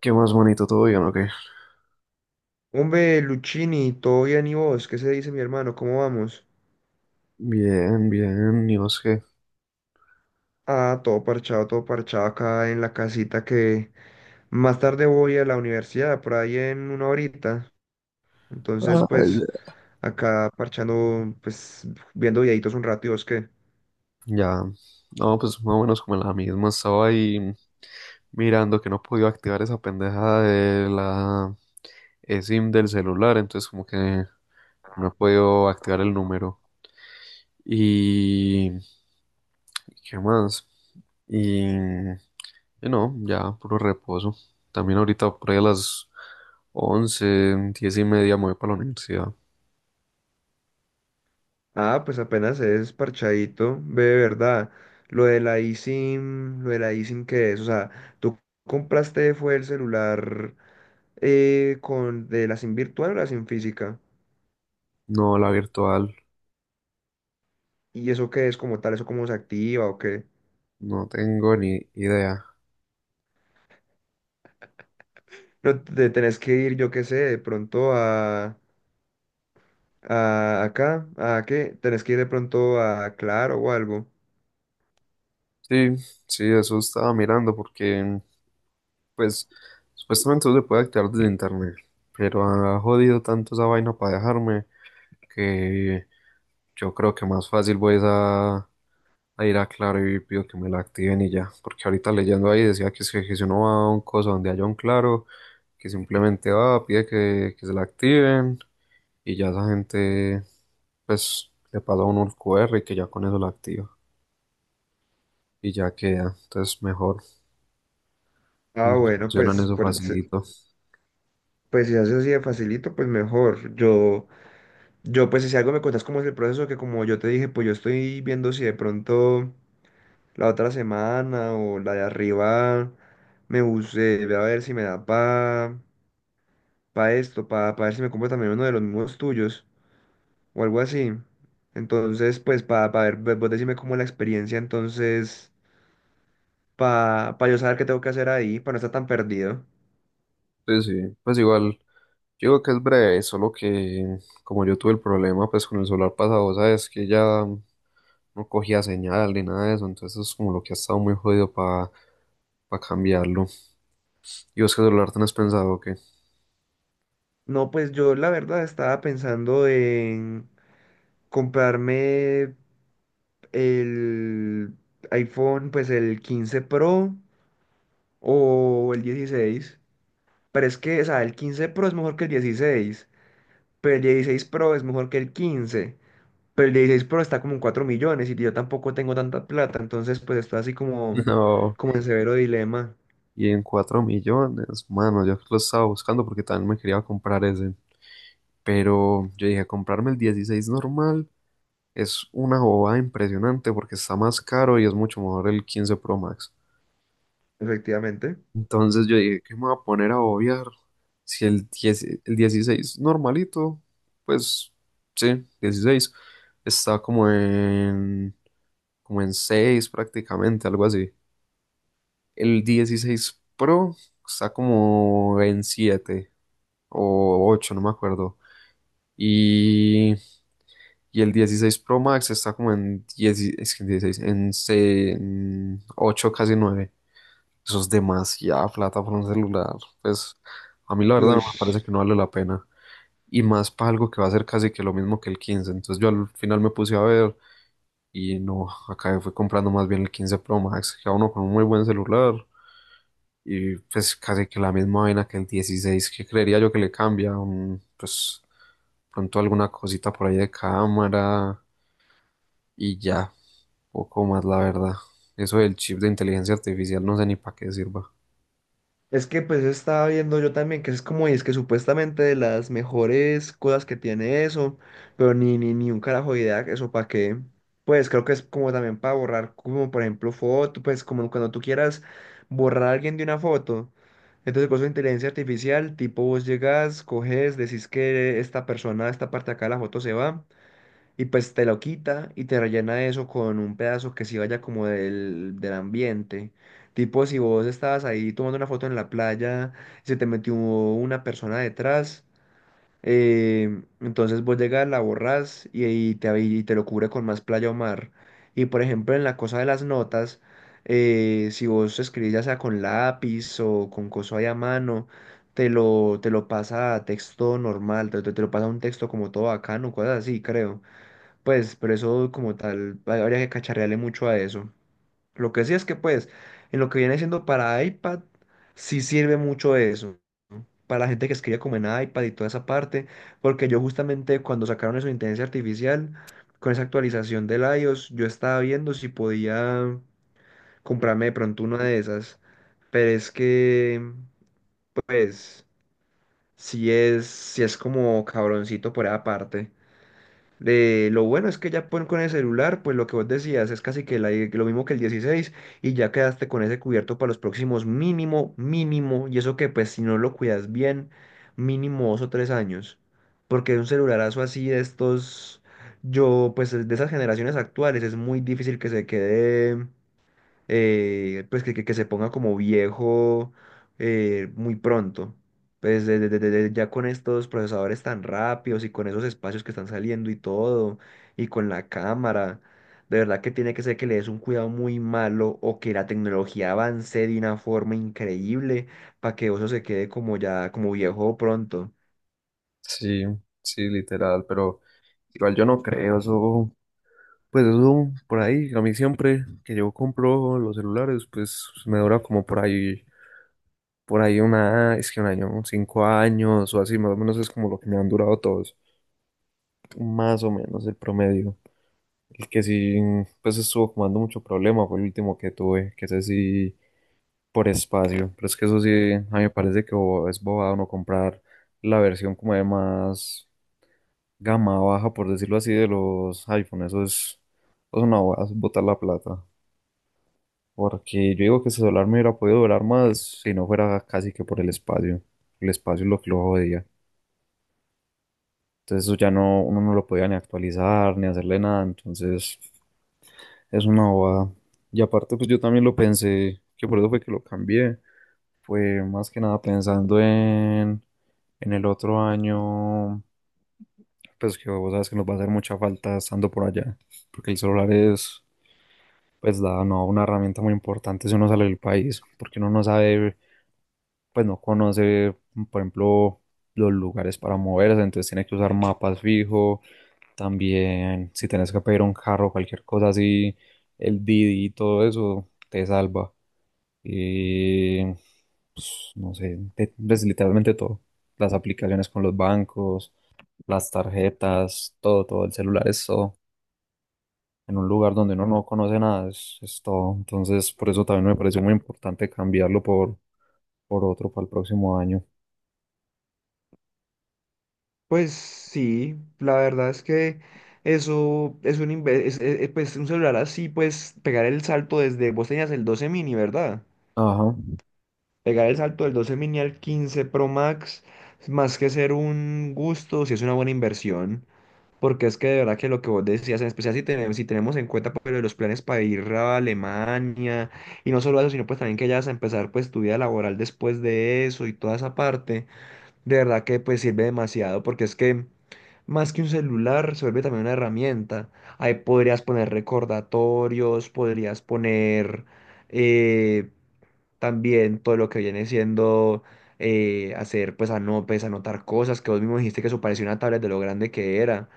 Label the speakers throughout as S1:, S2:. S1: ¿Qué más bonito? ¿Todo bien o qué?
S2: Hombre, Luchini, ¿todo bien y vos? ¿Qué se dice, mi hermano? ¿Cómo vamos?
S1: Bien, bien, ¿y vos qué?
S2: Ah, todo parchado acá en la casita que más tarde voy a la universidad, por ahí en una horita. Entonces,
S1: Ay,
S2: pues, acá parchando, pues, viendo videitos un rato, y vos qué.
S1: ya. No, pues más o menos como en la misma. Estaba ahí mirando que no podía activar esa pendeja de la SIM del celular, entonces como que no he podido activar el número. Y... ¿Qué más? Y... y no, ya, puro reposo. También ahorita por ahí a las 11, 10:30 me voy para la universidad.
S2: Ah, pues apenas es parchadito, ve, de verdad. Lo de la eSIM, lo de la eSIM, que es? O sea, ¿tú compraste fue el celular con, de la SIM virtual o la SIM física?
S1: No, la virtual.
S2: ¿Y eso qué es como tal? ¿Eso cómo se activa o qué?
S1: No tengo ni idea.
S2: Pero te tenés que ir, yo qué sé, de pronto a acá, ¿a qué? Tenés que ir de pronto a Claro o algo.
S1: Sí, sí, eso estaba mirando porque, pues, supuestamente no se puede activar desde internet, pero ha jodido tanto esa vaina para dejarme que yo creo que más fácil voy es a ir a Claro y pido que me la activen y ya, porque ahorita leyendo ahí decía que, es que si uno va a un coso donde haya un Claro, que simplemente va, pide que se la activen y ya esa gente, pues, le pasa a uno el QR y que ya con eso la activa y ya queda, entonces mejor, se
S2: Ah,
S1: me
S2: bueno,
S1: solucionan
S2: pues,
S1: eso facilito.
S2: pues, si haces así de facilito, pues mejor. Yo, pues si algo me contás cómo es el proceso, que como yo te dije, pues yo estoy viendo si de pronto la otra semana o la de arriba me busé voy a ver si me da pa, pa esto, pa, pa ver si me compro también uno de los mismos tuyos, o algo así. Entonces, pues para ver, vos decime cómo la experiencia, entonces, para yo saber qué tengo que hacer ahí, para no estar tan perdido.
S1: Sí, sí, pues igual, yo digo que es breve, solo que como yo tuve el problema pues con el solar pasado, sabes que ya no cogía señal ni nada de eso, entonces es como lo que ha estado muy jodido para cambiarlo. ¿Y vos qué celular tenés pensado que?
S2: No, pues yo la verdad estaba pensando en comprarme el iPhone, pues el 15 Pro o el 16. Pero es que, o sea, el 15 Pro es mejor que el 16, pero el 16 Pro es mejor que el 15. Pero el 16 Pro está como en 4 millones y yo tampoco tengo tanta plata, entonces pues está así como,
S1: No,
S2: como en severo dilema,
S1: y en 4 millones, mano, yo lo estaba buscando porque también me quería comprar ese, pero yo dije, comprarme el 16 normal es una bobada impresionante porque está más caro y es mucho mejor el 15 Pro Max.
S2: efectivamente.
S1: Entonces yo dije, ¿qué me voy a poner a obviar? Si el 10, el 16 normalito, pues sí, 16, está como en, 6 prácticamente, algo así. El 16 Pro está como en 7 o 8, no me acuerdo. Y, y el 16 Pro Max está como en 10, es que en 16, en, en 8, casi 9. Eso es demasiada plata por un celular. Pues a mí la verdad no
S2: Uy.
S1: me parece, que no vale la pena. Y más para algo que va a ser casi que lo mismo que el 15. Entonces yo al final me puse a ver y no, acabé fui comprando más bien el 15 Pro Max, que a uno con un muy buen celular. Y pues casi que la misma vaina que el 16, que creería yo que le cambia. Pues pronto alguna cosita por ahí de cámara y ya, poco más la verdad. Eso del chip de inteligencia artificial no sé ni para qué sirva.
S2: Es que pues estaba viendo yo también que es como, y es que supuestamente de las mejores cosas que tiene eso, pero ni un carajo de idea, eso para qué. Pues creo que es como también para borrar, como por ejemplo foto, pues como cuando tú quieras borrar a alguien de una foto. Entonces con su inteligencia artificial, tipo vos llegas, coges, decís que esta persona, esta parte de acá de la foto se va. Y pues te lo quita y te rellena eso con un pedazo que sí vaya como del ambiente. Tipo, si vos estabas ahí tomando una foto en la playa y se te metió una persona detrás, entonces vos llegas, la borrás y te, y te lo cubre con más playa o mar. Y por ejemplo, en la cosa de las notas, si vos escribís ya sea con lápiz o con coso ahí a mano, te lo pasa a texto normal, te te lo pasa a un texto como todo bacano, cosas así, creo. Pues, pero eso como tal, habría que cacharrearle mucho a eso. Lo que sí es que, pues, en lo que viene siendo para iPad, sí sirve mucho eso. ¿No? Para la gente que escribe como en iPad y toda esa parte, porque yo justamente cuando sacaron eso de inteligencia artificial, con esa actualización del iOS, yo estaba viendo si podía comprarme de pronto una de esas. Pero es que, pues, si es como cabroncito por esa parte. Lo bueno es que ya con el celular, pues lo que vos decías es casi que lo mismo que el dieciséis, y ya quedaste con ese cubierto para los próximos mínimo, mínimo, y eso que pues si no lo cuidas bien, mínimo dos o tres años, porque un celularazo así de estos, yo pues de esas generaciones actuales es muy difícil que se quede pues que se ponga como viejo muy pronto. Pues ya con estos procesadores tan rápidos y con esos espacios que están saliendo y todo, y con la cámara, de verdad que tiene que ser que le des un cuidado muy malo o que la tecnología avance de una forma increíble para que eso se quede como ya, como viejo pronto.
S1: Sí, sí, literal, pero igual yo no creo eso, pues eso por ahí, a mí siempre que yo compro los celulares, pues me dura como por ahí una, es que un año, 5 años o así, más o menos es como lo que me han durado todos, más o menos el promedio. El que sí, pues estuvo como dando mucho problema fue el último que tuve, que ese sí, por espacio, pero es que eso sí, a mí me parece que es bobado no comprar la versión como de más gama baja, por decirlo así, de los iPhone. Eso es una bobada, eso es botar la plata. Porque yo digo que ese celular me hubiera podido durar más si no fuera casi que por el espacio. El espacio es lo que lo jodía. Entonces eso ya no, uno no lo podía ni actualizar, ni hacerle nada. Entonces es una bobada. Y aparte, pues yo también lo pensé, que por eso fue que lo cambié. Fue más que nada pensando en el otro año, pues que vos sabes que nos va a hacer mucha falta estando por allá. Porque el celular es, pues da no, una herramienta muy importante si uno sale del país, porque uno no sabe, pues no conoce, por ejemplo, los lugares para moverse, entonces tiene que usar mapas fijo, también si tienes que pedir un carro, cualquier cosa así, el Didi y todo eso te salva. Y pues, no sé, pues, literalmente todo. Las aplicaciones con los bancos, las tarjetas, todo, todo, el celular es todo en un lugar donde uno no conoce nada, es todo. Entonces, por eso también me pareció muy importante cambiarlo por otro para el próximo año.
S2: Pues sí, la verdad es que eso es un, pues, un celular así, pues pegar el salto desde, vos tenías el 12 mini, ¿verdad?
S1: Ajá,
S2: Pegar el salto del 12 mini al 15 Pro Max, más que ser un gusto, sí es una buena inversión, porque es que de verdad que lo que vos decías, en especial si tenemos en cuenta pues, lo de los planes para ir a Alemania, y no solo eso, sino pues también que ya vas a empezar pues tu vida laboral después de eso y toda esa parte. De verdad que pues sirve demasiado porque es que más que un celular se vuelve también una herramienta. Ahí podrías poner recordatorios, podrías poner eh, también todo lo que viene siendo hacer pues pues, anotar cosas que vos mismo dijiste que eso parecía una tablet de lo grande que era,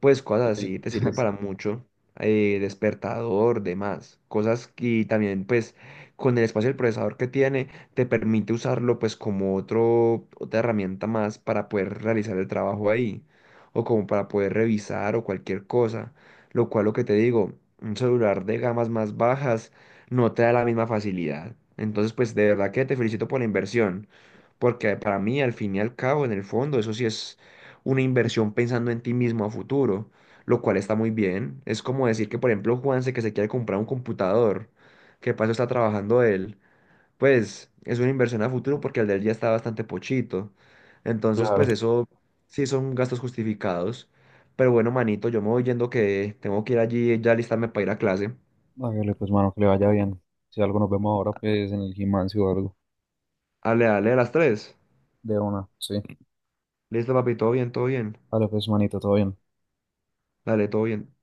S2: pues cosas
S1: sí,
S2: así, te sirve para mucho, despertador, demás, cosas que y también pues con el espacio del procesador que tiene, te permite usarlo pues como otro, otra herramienta más para poder realizar el trabajo ahí, o como para poder revisar o cualquier cosa, lo cual lo que te digo, un celular de gamas más bajas no te da la misma facilidad. Entonces, pues de verdad que te felicito por la inversión, porque para mí, al fin y al cabo, en el fondo, eso sí es una inversión pensando en ti mismo a futuro, lo cual está muy bien. Es como decir que, por ejemplo, Juanse que se quiere comprar un computador, que paso está trabajando él, pues es una inversión a futuro porque el de él ya está bastante pochito. Entonces,
S1: claro.
S2: pues eso sí son gastos justificados. Pero bueno, manito, yo me voy yendo que tengo que ir allí ya listarme para ir a clase.
S1: Hágale pues, mano, que le vaya bien. Si algo nos vemos ahora, pues en el gimnasio o algo.
S2: Dale, dale, a las tres.
S1: De una, sí.
S2: Listo, papi, todo bien, todo bien.
S1: Dale pues, manito, todo bien.
S2: Dale, todo bien.